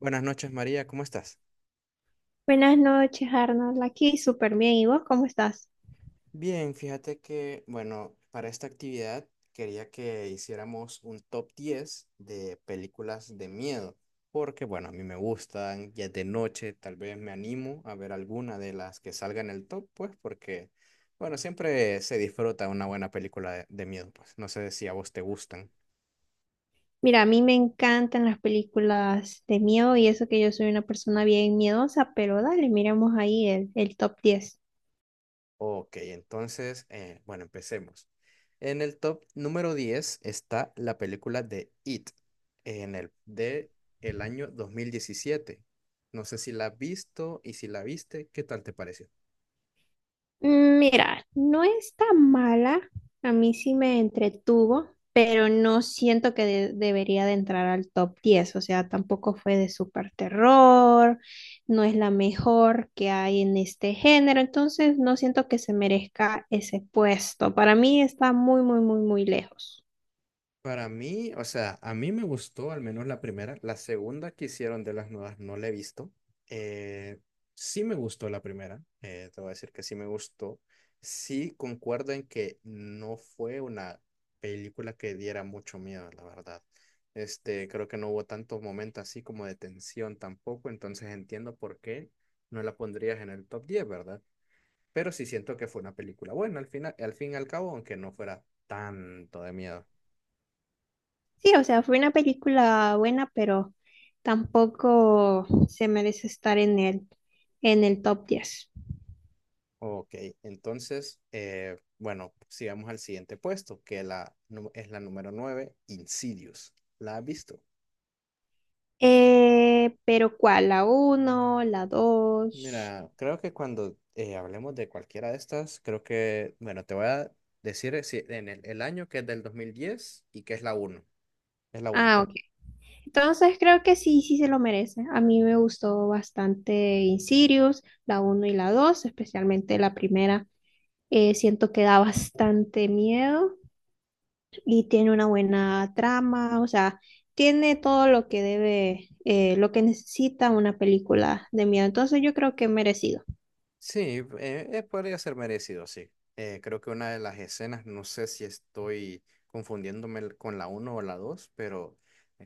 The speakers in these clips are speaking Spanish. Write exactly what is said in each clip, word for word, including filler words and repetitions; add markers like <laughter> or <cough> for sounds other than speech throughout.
Buenas noches, María, ¿cómo estás? Buenas noches, Arnold. Aquí súper bien. ¿Y vos cómo estás? Bien, fíjate que, bueno, para esta actividad quería que hiciéramos un top diez de películas de miedo, porque, bueno, a mí me gustan, ya es de noche, tal vez me animo a ver alguna de las que salga en el top, pues, porque, bueno, siempre se disfruta una buena película de, de miedo, pues, no sé si a vos te gustan. Mira, a mí me encantan las películas de miedo y eso que yo soy una persona bien miedosa, pero dale, miremos ahí el, el top diez. Ok, entonces, eh, bueno, empecemos. En el top número diez está la película de It, en el, de el año dos mil diecisiete. No sé si la has visto y si la viste, ¿qué tal te pareció? Mira, no está mala, a mí sí me entretuvo, pero no siento que de- debería de entrar al top diez. O sea, tampoco fue de super terror, no es la mejor que hay en este género, entonces no siento que se merezca ese puesto. Para mí está muy, muy, muy, muy lejos. Para mí, o sea, a mí me gustó al menos la primera. La segunda que hicieron de las nuevas no la he visto. Eh, sí me gustó la primera. Eh, te voy a decir que sí me gustó. Sí concuerdo en que no fue una película que diera mucho miedo, la verdad. Este, creo que no hubo tantos momentos así como de tensión tampoco. Entonces entiendo por qué no la pondrías en el top diez, ¿verdad? Pero sí siento que fue una película buena al final, al fin y al cabo, aunque no fuera tanto de miedo. Sí, o sea, fue una película buena, pero tampoco se merece estar en el, en el top diez. Ok, entonces, eh, bueno, sigamos al siguiente puesto, que la, nu- es la número nueve, Insidious. ¿La has visto? Eh, pero ¿cuál? ¿La uno? ¿La dos? Mira, creo que cuando eh, hablemos de cualquiera de estas, creo que, bueno, te voy a decir eh, si- en el, el año que es del dos mil diez y que es la uno. Es la uno. Ah, ok. Entonces creo que sí, sí se lo merece. A mí me gustó bastante Insidious, la uno y la dos, especialmente la primera. Eh, siento que da bastante miedo y tiene una buena trama, o sea, tiene todo lo que debe, eh, lo que necesita una película de miedo. Entonces yo creo que merecido. Sí, eh, eh, podría ser merecido, sí. Eh, creo que una de las escenas, no sé si estoy confundiéndome el- con la uno o la dos, pero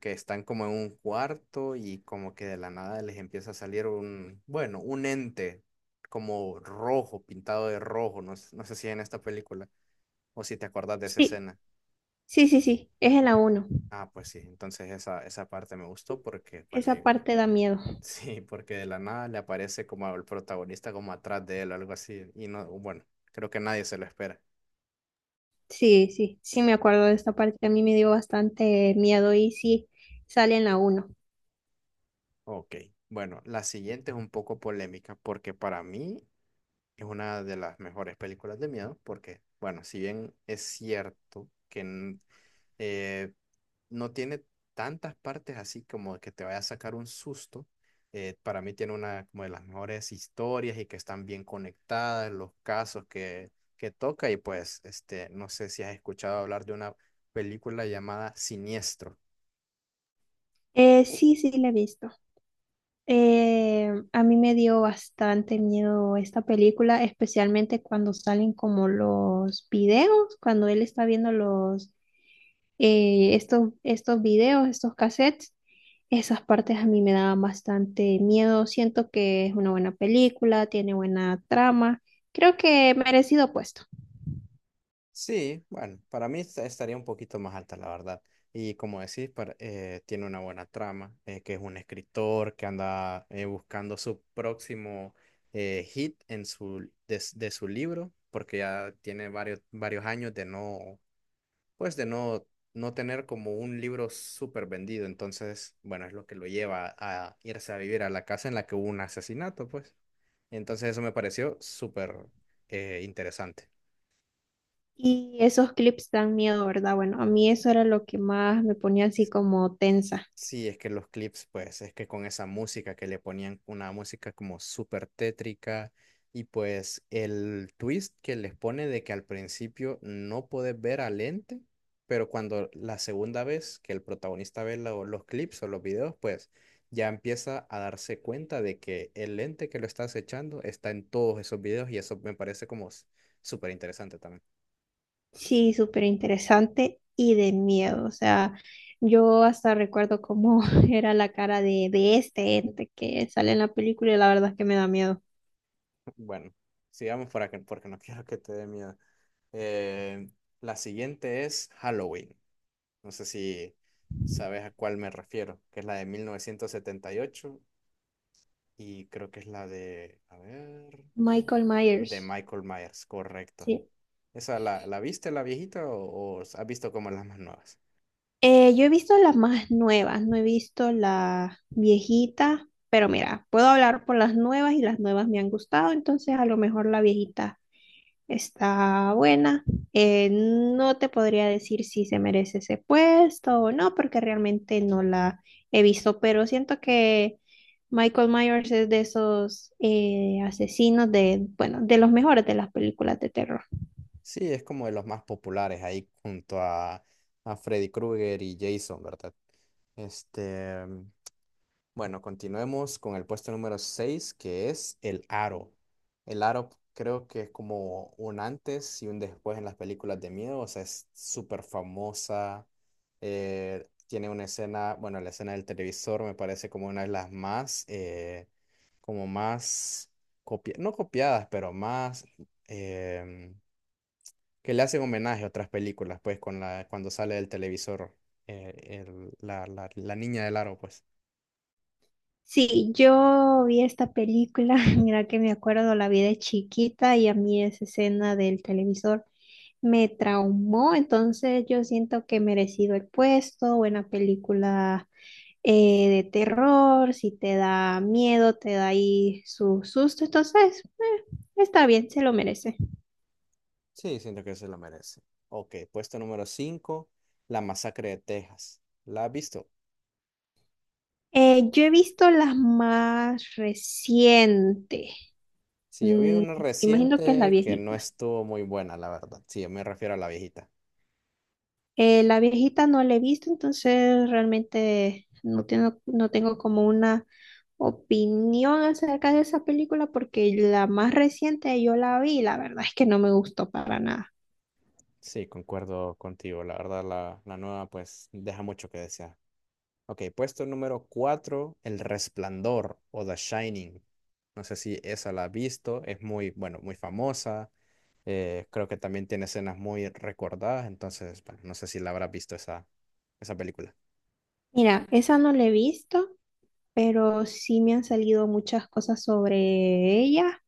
que están como en un cuarto y como que de la nada les empieza a salir un, bueno, un ente como rojo, pintado de rojo, no, s- no sé si en esta película o si te acuerdas de esa Sí, escena. sí, sí, sí, es en la uno. Ah, pues sí, entonces esa, esa parte me gustó porque, bueno, Esa hay, parte da miedo. sí, porque de la nada le aparece como el protagonista como atrás de él, algo así. Y no, bueno, creo que nadie se lo espera. Sí, sí, sí me acuerdo de esta parte. A mí me dio bastante miedo y sí, sale en la uno. Ok, bueno, la siguiente es un poco polémica porque para mí es una de las mejores películas de miedo porque, bueno, si bien es cierto que n- eh, no tiene tantas partes así como que te vaya a sacar un susto. Eh, para mí tiene una como de las mejores historias y que están bien conectadas, los casos que, que toca y pues este, no sé si has escuchado hablar de una película llamada Siniestro. Eh, sí, sí, la he visto. Eh, a mí me dio bastante miedo esta película, especialmente cuando salen como los videos, cuando él está viendo los, eh, estos, estos videos, estos cassettes. Esas partes a mí me daban bastante miedo. Siento que es una buena película, tiene buena trama. Creo que merecido puesto. Sí, bueno, para mí esta- estaría un poquito más alta, la verdad. Y como decís, para- eh, tiene una buena trama, eh, que es un escritor que anda eh, buscando su próximo eh, hit en su, de, s- de su libro, porque ya tiene varios, varios años de no, pues de no, no tener como un libro súper vendido. Entonces, bueno, es lo que lo lleva a irse a vivir a la casa en la que hubo un asesinato, pues. Entonces eso me pareció súper eh, interesante. Y esos clips dan miedo, ¿verdad? Bueno, a mí eso era lo que más me ponía así como tensa. Sí, es que los clips, pues, es que con esa música que le ponían, una música como súper tétrica, y pues el twist que les pone de que al principio no podés ver al ente, pero cuando la segunda vez que el protagonista ve lo- los clips o los videos, pues ya empieza a darse cuenta de que el ente que lo está acechando está en todos esos videos, y eso me parece como s- súper interesante también. Sí, súper interesante y de miedo. O sea, yo hasta recuerdo cómo <laughs> era la cara de, de este ente que sale en la película y la verdad es que me da miedo. Bueno, sigamos para que, porque no <laughs> quiero que te dé miedo. Eh, la siguiente es Halloween. No sé si sabes a cuál me refiero, que es la de mil novecientos setenta y ocho y ocho y creo que es la de, a ver, Michael de Myers. Michael Myers, correcto. Sí. ¿Esa la, la viste, la viejita, o, o has visto como las más nuevas? Eh, yo he visto las más nuevas, no he visto la viejita, pero mira, puedo hablar por las nuevas y las nuevas me han gustado, entonces a lo mejor la viejita. Está buena. Eh, no te podría decir si se merece ese puesto o no, porque realmente no la he visto, pero siento que Michael Myers es de esos eh, asesinos de, bueno, de los mejores de las películas de terror. Sí, es como de los más populares ahí junto a, a Freddy Krueger y Jason, ¿verdad? Este, bueno, continuemos con el puesto número seis que es El Aro. El Aro creo que es como un antes y un después en las películas de miedo, o sea, es súper famosa. Eh, tiene una escena, bueno, la escena del televisor me parece como una de las más, eh, como más, copi no copiadas, pero más, em, que le hacen homenaje a otras películas, pues, con la, cuando sale del televisor, eh, el- la, la la niña del aro, pues. Sí, yo vi esta película, <laughs> mira que me acuerdo, la vi de chiquita y a mí esa escena del televisor me traumó, entonces yo siento que he merecido el puesto, buena película eh, de terror, si te da miedo, te da ahí su susto, entonces eh, está bien, se lo merece. Sí, siento que se la merece. Ok, puesto número cinco, La Masacre de Texas. ¿La has visto? Eh, yo he visto las más recientes. Sí, yo vi Mm, una imagino que es la reciente que no viejita. estuvo muy buena, la verdad. Sí, yo me refiero a la viejita. Eh, la viejita no la he visto, entonces realmente no tengo, no tengo como una opinión acerca de esa película porque la más reciente yo la vi y la verdad es que no me gustó para nada. Sí, concuerdo contigo. La verdad, la, la nueva pues deja mucho que desear. Ok, puesto número cuatro, El Resplandor o The Shining. No sé si esa la has visto. Es muy, bueno, muy famosa. Eh, creo que también tiene escenas muy recordadas. Entonces, bueno, no sé si la habrás visto esa, esa película. Mira, esa no la he visto, pero sí me han salido muchas cosas sobre ella.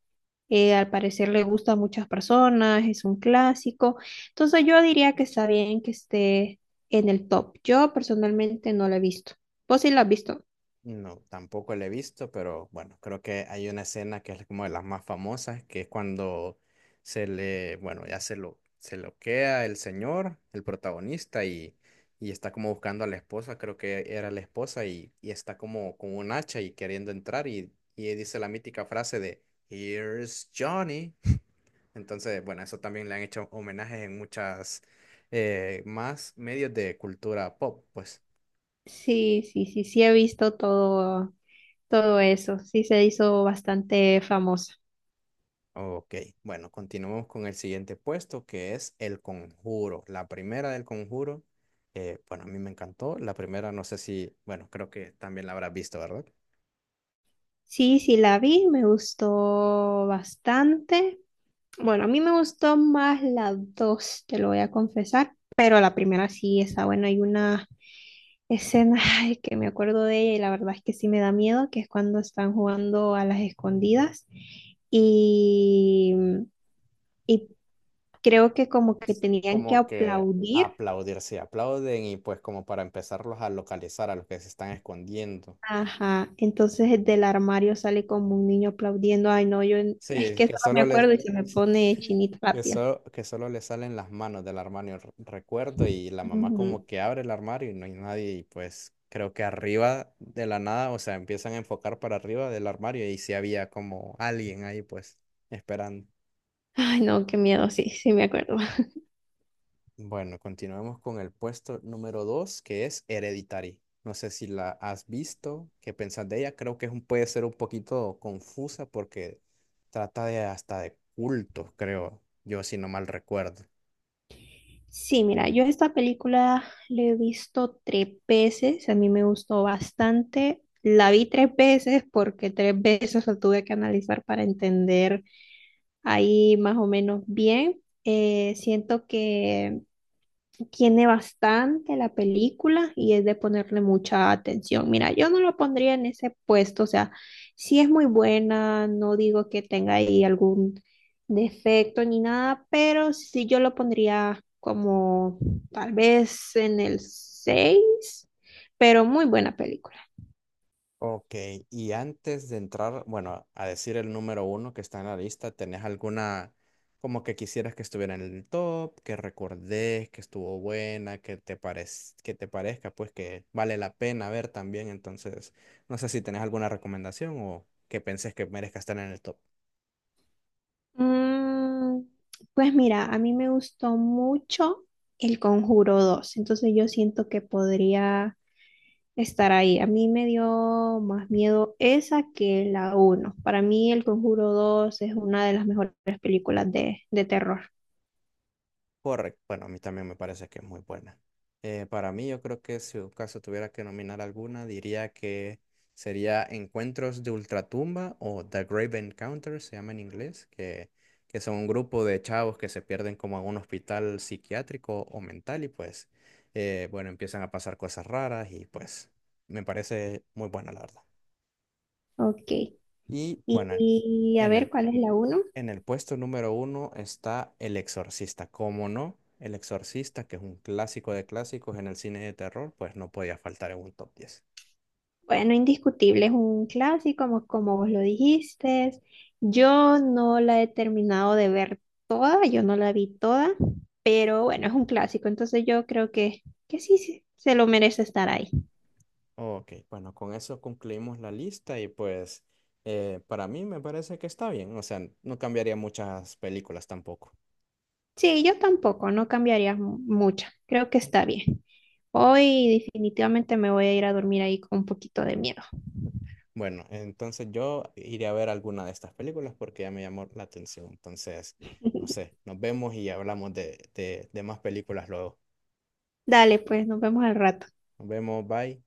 Eh, al parecer le gusta a muchas personas, es un clásico. Entonces yo diría que está bien que esté en el top. Yo personalmente no la he visto. ¿Vos sí la has visto? No, tampoco la he visto, pero bueno, creo que hay una escena que es como de las más famosas, que es cuando se le, bueno, ya se lo, se loquea el señor, el protagonista, y, y está como buscando a la esposa, creo que era la esposa, y, y está como con un hacha y queriendo entrar, y, y dice la mítica frase de Here's Johnny. Entonces, bueno, eso también le han hecho homenajes en muchas eh, más medios de cultura pop, pues. Sí, sí, sí, sí he visto todo, todo eso. Sí se hizo bastante famosa. Ok, bueno, continuamos con el siguiente puesto que es El Conjuro. La primera del Conjuro, eh, bueno, a mí me encantó. La primera, no sé si, bueno, creo que también la habrás visto, ¿verdad? Sí, sí la vi, me gustó bastante. Bueno, a mí me gustó más la dos, te lo voy a confesar, pero la primera sí está buena. Hay una escena <laughs> <sighs> ay, que me acuerdo de ella y la verdad es que sí me da miedo, que es cuando están jugando a las escondidas y, y creo que como que tenían que Como que aplaudir. aplaudirse, aplauden y pues como para empezarlos a localizar a los que se están escondiendo. Ajá, entonces del armario sale como un niño aplaudiendo. Ay, no, yo en- es Sí, que eso que no me solo le, acuerdo y se me pone <laughs> chinita la que piel. so- que solo le salen las manos del armario, r- recuerdo, y la mamá como Ujú. que abre el armario y no hay nadie, y pues creo que arriba de la nada, o sea, empiezan a enfocar para arriba del armario y si había como alguien ahí pues esperando. Ay, no, qué miedo, sí, sí me acuerdo. Bueno, continuamos con el puesto número dos que es Hereditary. No sé si la has visto, qué pensás de ella. Creo que es un- puede ser un poquito confusa porque trata de hasta de cultos, creo, yo si no mal recuerdo. Sí, mira, yo esta película la he visto tres veces, a mí me gustó bastante. La vi tres veces porque tres veces la tuve que analizar para entender ahí más o menos bien. Eh, siento que tiene bastante la película y es de ponerle mucha atención. Mira, yo no lo pondría en ese puesto, o sea, sí es muy buena, no digo que tenga ahí algún defecto ni nada, pero sí yo lo pondría como tal vez en el seis. Pero muy buena película. Ok, y antes de entrar, bueno, a decir el número uno que está en la lista, ¿tenés alguna como que quisieras que estuviera en el top, que recordés, que estuvo buena, que te parez- que te parezca, pues que vale la pena ver también? Entonces, no sé si tenés alguna recomendación o que pensés que merezca estar en el top. Mm, pues mira, a mí me gustó mucho El Conjuro dos, entonces yo siento que podría estar ahí. A mí me dio más miedo esa que la uno. Para mí El Conjuro dos es una de las mejores películas de, de terror. Correcto. Bueno, a mí también me parece que es muy buena. Eh, para mí, yo creo que si en caso tuviera que nominar alguna, diría que sería Encuentros de Ultratumba o The Grave Encounters, se llama en inglés, que, que son un grupo de chavos que se pierden como en un hospital psiquiátrico o mental y pues, eh, bueno, empiezan a pasar cosas raras y pues me parece muy buena, la verdad. Ok, Y y, bueno, y a en ver, el ¿cuál es la uno? en el puesto número uno está El Exorcista. ¿Cómo no? El Exorcista, que es un clásico de clásicos en el cine de terror, pues no podía faltar en un top diez. Bueno, indiscutible, es un clásico, como, como vos lo dijiste. Yo no la he terminado de ver toda, yo no la vi toda, pero bueno, es un clásico, entonces yo creo que, que sí, sí se lo merece estar ahí. Ok, bueno, con eso concluimos la lista y pues eh, para mí me parece que está bien. O sea, no cambiaría muchas películas tampoco. Sí, yo tampoco, no cambiaría mu- mucho, creo que está bien. Hoy definitivamente me voy a ir a dormir ahí con un poquito de miedo. Bueno, entonces yo iré a ver alguna de estas películas porque ya me llamó la atención. Entonces, no <laughs> sé, nos vemos y hablamos de, de de más películas luego. Dale, pues, nos vemos al rato. Nos vemos, bye.